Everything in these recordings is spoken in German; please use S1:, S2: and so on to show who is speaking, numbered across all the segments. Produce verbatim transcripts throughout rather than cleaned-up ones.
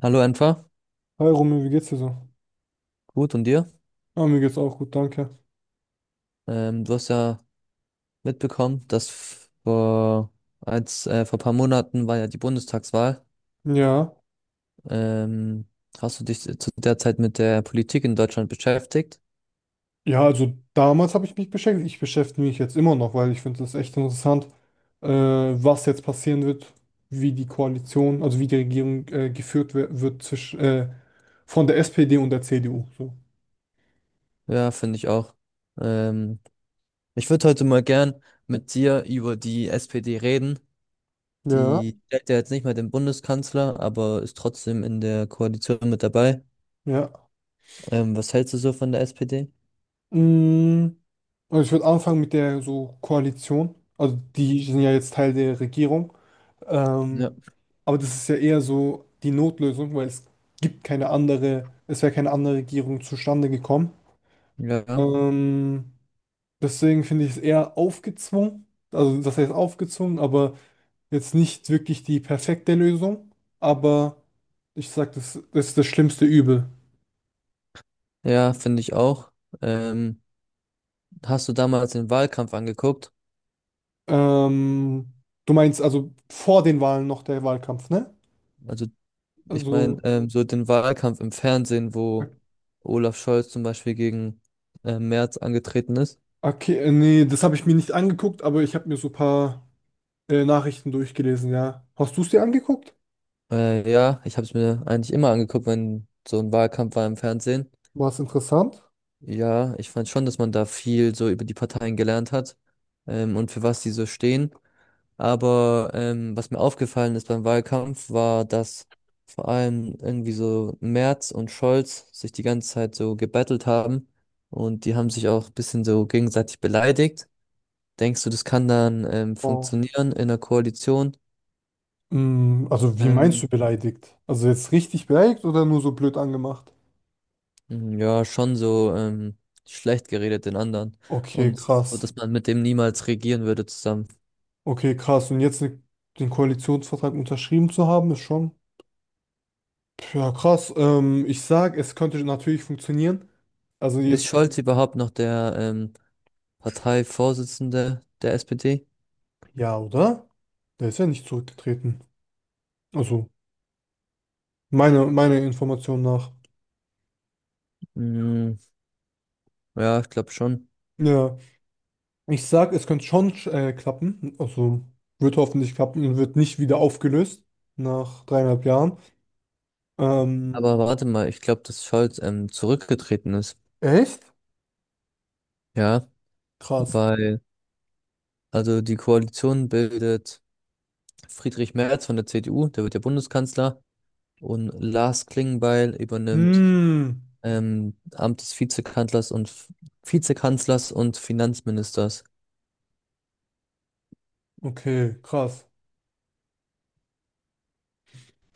S1: Hallo Enfer,
S2: Hi Romeo, wie geht's dir so?
S1: gut und dir?
S2: Ah, mir geht's auch gut, danke.
S1: Ähm, du hast ja mitbekommen, dass f- vor, als, äh, vor ein paar Monaten war ja die Bundestagswahl.
S2: Ja.
S1: Ähm, Hast du dich zu der Zeit mit der Politik in Deutschland beschäftigt?
S2: Ja, also damals habe ich mich beschäftigt. Ich beschäftige mich jetzt immer noch, weil ich finde es echt interessant, äh, was jetzt passieren wird, wie die Koalition, also wie die Regierung äh, geführt wer- wird zwischen, äh, von der S P D und der C D U. So.
S1: Ja, finde ich auch. Ähm, Ich würde heute mal gern mit dir über die S P D reden.
S2: Ja,
S1: Die stellt ja jetzt nicht mehr den Bundeskanzler, aber ist trotzdem in der Koalition mit dabei.
S2: ja.
S1: Ähm, was hältst du so von der S P D?
S2: Mm, also ich würde anfangen mit der so Koalition. Also die sind ja jetzt Teil der Regierung. Ähm,
S1: Ja.
S2: Aber das ist ja eher so die Notlösung, weil es gibt keine andere, es wäre keine andere Regierung zustande gekommen.
S1: Ja,
S2: Ähm, deswegen finde ich es eher aufgezwungen, also das heißt aufgezwungen, aber jetzt nicht wirklich die perfekte Lösung. Aber ich sag, das, das ist das schlimmste Übel.
S1: ja, finde ich auch. Ähm, Hast du damals den Wahlkampf angeguckt?
S2: Ähm, du meinst also vor den Wahlen noch der Wahlkampf, ne?
S1: Also, ich meine,
S2: Also,
S1: ähm, so den Wahlkampf im Fernsehen, wo Olaf Scholz zum Beispiel gegen äh, Merz angetreten ist.
S2: okay, äh, nee, das habe ich mir nicht angeguckt, aber ich habe mir so ein paar äh, Nachrichten durchgelesen, ja. Hast du es dir angeguckt?
S1: Äh, ja, ich habe es mir eigentlich immer angeguckt, wenn so ein Wahlkampf war im Fernsehen.
S2: War es interessant?
S1: Ja, ich fand schon, dass man da viel so über die Parteien gelernt hat, ähm, und für was die so stehen. Aber ähm, was mir aufgefallen ist beim Wahlkampf, war, dass vor allem irgendwie so Merz und Scholz sich die ganze Zeit so gebettelt haben und die haben sich auch ein bisschen so gegenseitig beleidigt. Denkst du, das kann dann ähm,
S2: Oh.
S1: funktionieren in der Koalition?
S2: Mm, Also wie meinst du
S1: Ähm,
S2: beleidigt? Also jetzt richtig beleidigt oder nur so blöd angemacht?
S1: mh, ja, schon so, ähm, schlecht geredet den anderen
S2: Okay,
S1: und so,
S2: krass.
S1: dass man mit dem niemals regieren würde zusammen.
S2: Okay, krass. Und jetzt ne, den Koalitionsvertrag unterschrieben zu haben, ist schon. Ja, krass. Ähm, ich sag, es könnte natürlich funktionieren. Also
S1: Ist
S2: jetzt,
S1: Scholz überhaupt noch der ähm, Parteivorsitzende der S P D?
S2: ja, oder? Der ist ja nicht zurückgetreten. Also, meine, meine Information nach.
S1: Mm, ja, ich glaube schon.
S2: Ja, ich sag, es könnte schon äh, klappen. Also, wird hoffentlich klappen und wird nicht wieder aufgelöst nach dreieinhalb Jahren. Ähm,
S1: Aber warte mal, ich glaube, dass Scholz ähm, zurückgetreten ist.
S2: Echt?
S1: Ja,
S2: krass.
S1: weil, also die Koalition bildet Friedrich Merz von der C D U, der wird ja Bundeskanzler, und Lars Klingbeil übernimmt
S2: Hm,
S1: ähm, Amt des Vizekanzlers und Vizekanzlers und Finanzministers.
S2: okay, krass.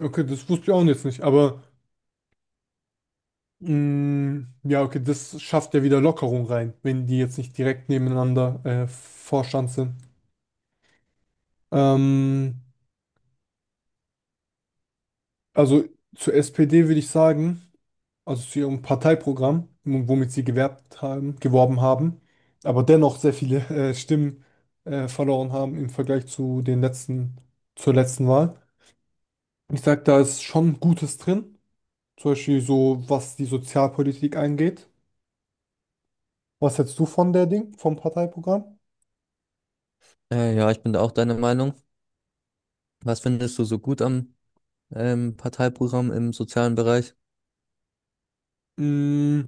S2: Okay, das wusste ich auch jetzt nicht, aber mm, ja, okay, das schafft ja wieder Lockerung rein, wenn die jetzt nicht direkt nebeneinander äh, Vorstand sind. Ähm, also zur S P D würde ich sagen, also zu ihrem Parteiprogramm, womit sie gewerbt haben, geworben haben, aber dennoch sehr viele äh, Stimmen äh, verloren haben im Vergleich zu den letzten, zur letzten Wahl. Ich sage, da ist schon Gutes drin. Zum Beispiel so, was die Sozialpolitik angeht. Was hältst du von der Ding, vom Parteiprogramm?
S1: Äh, ja, ich bin da auch deiner Meinung. Was findest du so gut am ähm, Parteiprogramm im sozialen Bereich?
S2: Mm,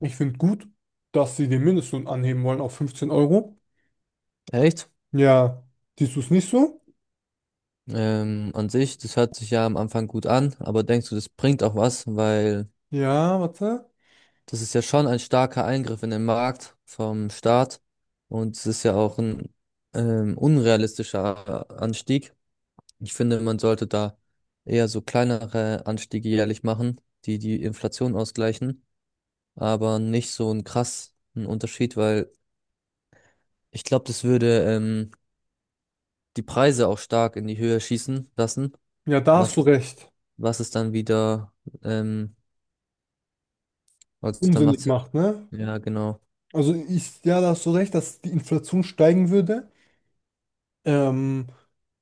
S2: ich finde gut, dass sie den Mindestlohn anheben wollen auf fünfzehn Euro.
S1: Echt?
S2: Ja, siehst du es nicht so?
S1: Ähm, an sich, das hört sich ja am Anfang gut an, aber denkst du, das bringt auch was, weil
S2: Ja, warte.
S1: das ist ja schon ein starker Eingriff in den Markt vom Staat und es ist ja auch ein ähm, unrealistischer Anstieg. Ich finde, man sollte da eher so kleinere Anstiege jährlich machen, die die Inflation ausgleichen, aber nicht so einen krassen Unterschied, weil ich glaube, das würde ähm, die Preise auch stark in die Höhe schießen lassen,
S2: Ja, da hast du
S1: was,
S2: recht.
S1: was es dann wieder, ähm, also dann
S2: Unsinnig
S1: macht's ja,
S2: macht, ne?
S1: ja, genau.
S2: Also ich, ja, da hast du recht, dass die Inflation steigen würde. Ähm,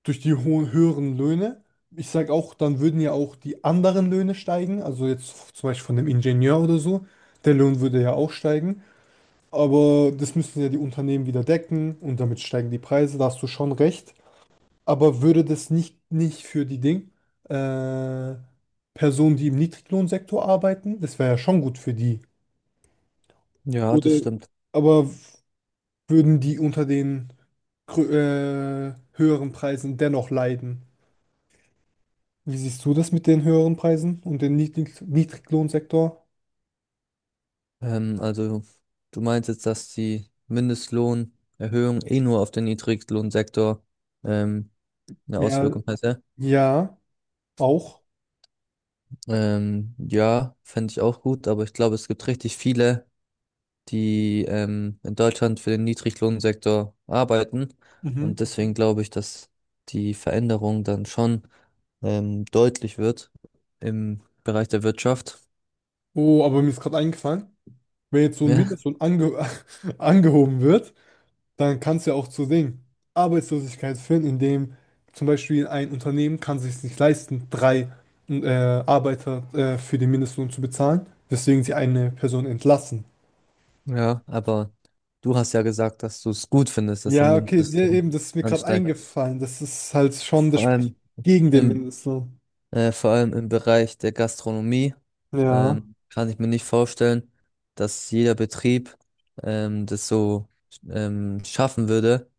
S2: durch die hohen, höheren Löhne. Ich sage auch, dann würden ja auch die anderen Löhne steigen. Also jetzt zum Beispiel von dem Ingenieur oder so. Der Lohn würde ja auch steigen. Aber das müssen ja die Unternehmen wieder decken und damit steigen die Preise, da hast du schon recht. Aber würde das nicht, nicht für die Ding, äh, Personen, die im Niedriglohnsektor arbeiten, das wäre ja schon gut für die.
S1: Ja, das
S2: Oder,
S1: stimmt.
S2: aber würden die unter den grö- äh, höheren Preisen dennoch leiden? Wie siehst du das mit den höheren Preisen und dem Niedrig Niedriglohnsektor?
S1: Ähm, also du meinst jetzt, dass die Mindestlohnerhöhung eh nur auf den Niedriglohnsektor ähm, eine
S2: Ja,
S1: Auswirkung hätte?
S2: ja, auch.
S1: Ähm, ja, fände ich auch gut, aber ich glaube, es gibt richtig viele, die ähm, in Deutschland für den Niedriglohnsektor arbeiten.
S2: Mhm.
S1: Und deswegen glaube ich, dass die Veränderung dann schon ähm, deutlich wird im Bereich der Wirtschaft.
S2: Oh, aber mir ist gerade eingefallen. Wenn jetzt so ein
S1: Ja,
S2: Mindestlohn ange angehoben wird, dann kann es ja auch zu Ding Arbeitslosigkeit führen, indem zum Beispiel ein Unternehmen kann sich nicht leisten, drei äh, Arbeiter äh, für den Mindestlohn zu bezahlen, weswegen sie eine Person entlassen.
S1: ja, aber du hast ja gesagt, dass du es gut findest, dass der
S2: Ja, okay, ja,
S1: Mindestlohn
S2: eben, das ist mir gerade
S1: ansteigt.
S2: eingefallen. Das ist halt schon, das
S1: Vor
S2: spricht
S1: allem
S2: gegen den
S1: im,
S2: Mindestlohn.
S1: äh, vor allem im Bereich der Gastronomie
S2: Ja.
S1: ähm, kann ich mir nicht vorstellen, dass jeder Betrieb ähm, das so ähm, schaffen würde,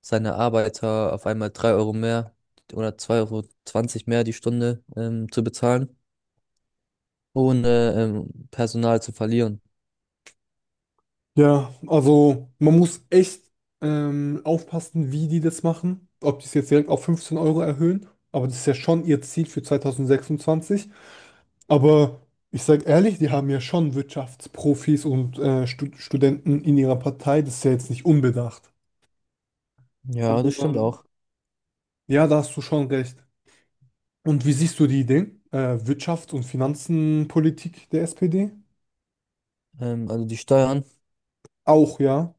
S1: seine Arbeiter auf einmal drei Euro mehr oder zwei Euro zwanzig mehr die Stunde ähm, zu bezahlen, ohne ähm, Personal zu verlieren.
S2: Ja, also man muss echt ähm, aufpassen, wie die das machen. Ob die es jetzt direkt auf fünfzehn Euro erhöhen. Aber das ist ja schon ihr Ziel für zwanzig sechsundzwanzig. Aber ich sage ehrlich, die haben ja schon Wirtschaftsprofis und äh, Stu Studenten in ihrer Partei. Das ist ja jetzt nicht unbedacht.
S1: Ja,
S2: Aber
S1: das stimmt
S2: ähm,
S1: auch.
S2: ja, da hast du schon recht. Und wie siehst du die Idee? Äh, Wirtschafts- und Finanzenpolitik der S P D?
S1: Ähm, also die Steuern,
S2: Auch, ja.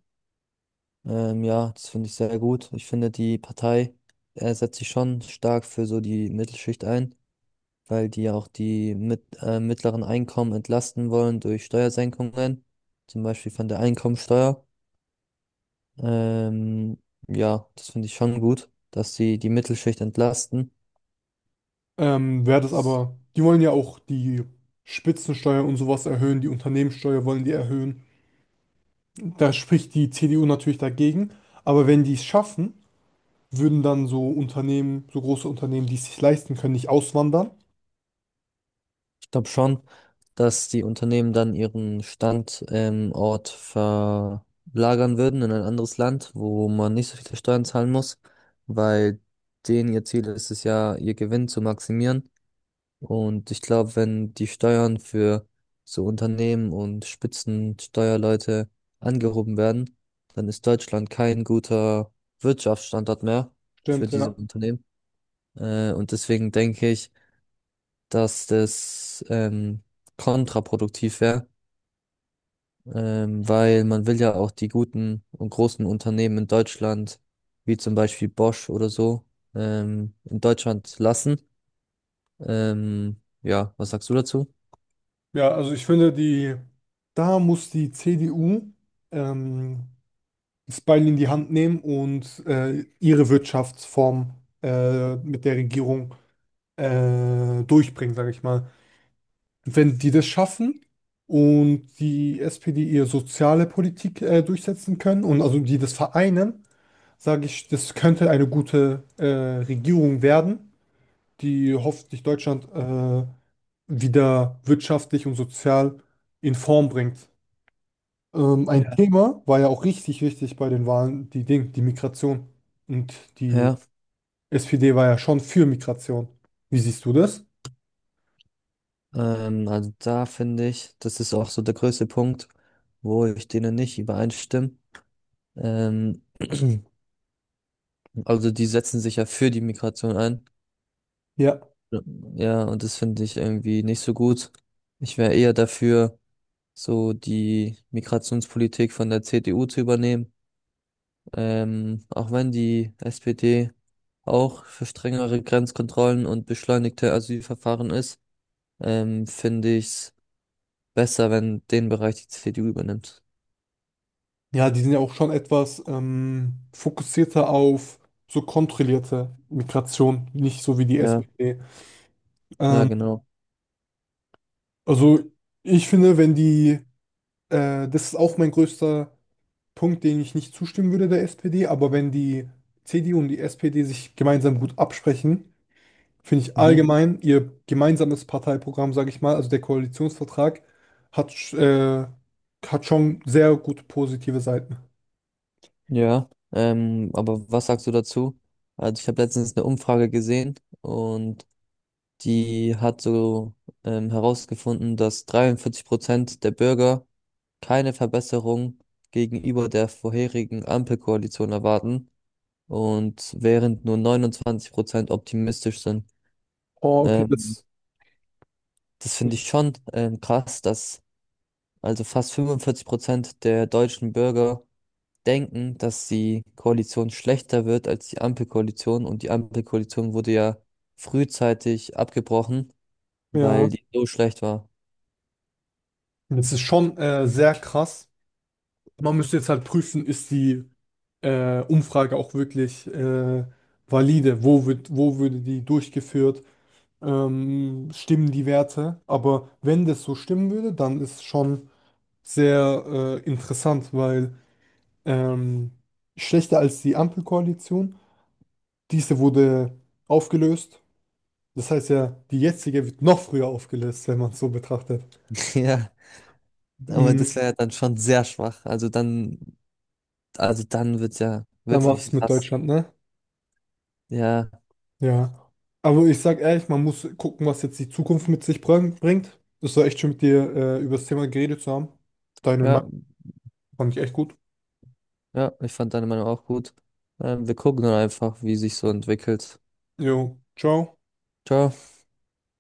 S1: ähm, ja, das finde ich sehr gut. Ich finde, die Partei äh, setzt sich schon stark für so die Mittelschicht ein, weil die ja auch die mit, äh, mittleren Einkommen entlasten wollen durch Steuersenkungen, zum Beispiel von der Einkommensteuer. Ähm, ja, das finde ich schon gut, dass sie die Mittelschicht entlasten.
S2: Ähm, wäre das aber, die wollen ja auch die Spitzensteuer und sowas erhöhen, die Unternehmenssteuer wollen die erhöhen. Da spricht die C D U natürlich dagegen, aber wenn die es schaffen, würden dann so Unternehmen, so große Unternehmen, die es sich leisten können, nicht auswandern.
S1: Ich glaube schon, dass die Unternehmen dann ihren Standort ähm, Ort verlagern würden in ein anderes Land, wo man nicht so viele Steuern zahlen muss, weil denen ihr Ziel ist es ja, ihr Gewinn zu maximieren. Und ich glaube, wenn die Steuern für so Unternehmen und Spitzensteuerleute angehoben werden, dann ist Deutschland kein guter Wirtschaftsstandort mehr für
S2: Stimmt,
S1: diese
S2: ja.
S1: Unternehmen. Äh, und deswegen denke ich, dass das ähm, kontraproduktiv wäre, ähm, weil man will ja auch die guten und großen Unternehmen in Deutschland, wie zum Beispiel Bosch oder so, ähm, in Deutschland lassen. Ähm, ja, was sagst du dazu?
S2: Ja, also ich finde, die, da muss die C D U ähm, das Beil in die Hand nehmen und äh, ihre Wirtschaftsform äh, mit der Regierung äh, durchbringen, sage ich mal. wenn die das schaffen und die S P D ihre soziale Politik äh, durchsetzen können und also die das vereinen, sage ich, das könnte eine gute äh, Regierung werden, die hoffentlich Deutschland äh, wieder wirtschaftlich und sozial in Form bringt. Ähm, ein
S1: Ja.
S2: Thema war ja auch richtig wichtig bei den Wahlen, die Ding, die Migration. Und die
S1: Ja.
S2: S P D war ja schon für Migration. Wie siehst du das?
S1: Ähm, also da finde ich, das ist auch so der größte Punkt, wo ich denen nicht übereinstimme. Ähm, also die setzen sich ja für die Migration ein.
S2: Ja.
S1: Ja, ja, und das finde ich irgendwie nicht so gut. Ich wäre eher dafür, so die Migrationspolitik von der C D U zu übernehmen. Ähm, auch wenn die S P D auch für strengere Grenzkontrollen und beschleunigte Asylverfahren ist, ähm, finde ich es besser, wenn den Bereich die C D U übernimmt.
S2: Ja, die sind ja auch schon etwas ähm, fokussierter auf so kontrollierte Migration, nicht so wie die
S1: Ja.
S2: S P D.
S1: Ja,
S2: Ähm,
S1: genau.
S2: also ich finde, wenn die, äh, das ist auch mein größter Punkt, den ich nicht zustimmen würde der S P D, aber wenn die C D U und die S P D sich gemeinsam gut absprechen, finde ich
S1: Mhm.
S2: allgemein ihr gemeinsames Parteiprogramm, sage ich mal, also der Koalitionsvertrag, hat, sch- äh, hat schon sehr gute positive Seiten.
S1: Ja, ähm, aber was sagst du dazu? Also ich habe letztens eine Umfrage gesehen, und die hat so ähm, herausgefunden, dass dreiundvierzig Prozent der Bürger keine Verbesserung gegenüber der vorherigen Ampelkoalition erwarten, und während nur neunundzwanzig Prozent optimistisch sind.
S2: Oh, okay,
S1: Ähm,
S2: das,
S1: Das finde ich schon, ähm, krass, dass also fast fünfundvierzig Prozent der deutschen Bürger denken, dass die Koalition schlechter wird als die Ampelkoalition. Und die Ampelkoalition wurde ja frühzeitig abgebrochen, weil
S2: ja.
S1: die so schlecht war.
S2: Das ist schon äh, sehr krass. Man müsste jetzt halt prüfen, ist die äh, Umfrage auch wirklich äh, valide? Wo wird, wo würde die durchgeführt? Ähm, stimmen die Werte? Aber wenn das so stimmen würde, dann ist es schon sehr äh, interessant, weil ähm, schlechter als die Ampelkoalition, diese wurde aufgelöst. Das heißt ja, die jetzige wird noch früher aufgelöst, wenn man es so betrachtet.
S1: Ja, aber
S2: Mhm.
S1: das wäre ja dann schon sehr schwach. Also dann, also dann wird's ja
S2: Dann war
S1: wirklich
S2: es mit
S1: krass.
S2: Deutschland, ne?
S1: Ja,
S2: Ja, aber ich sag ehrlich, man muss gucken, was jetzt die Zukunft mit sich bring- bringt. Es war echt schön, mit dir äh, über das Thema geredet zu haben. Deine
S1: ja,
S2: Meinung fand ich echt gut.
S1: ja, ich fand deine Meinung auch gut. Ähm, wir gucken dann einfach, wie sich so entwickelt.
S2: Jo, ciao.
S1: Ciao.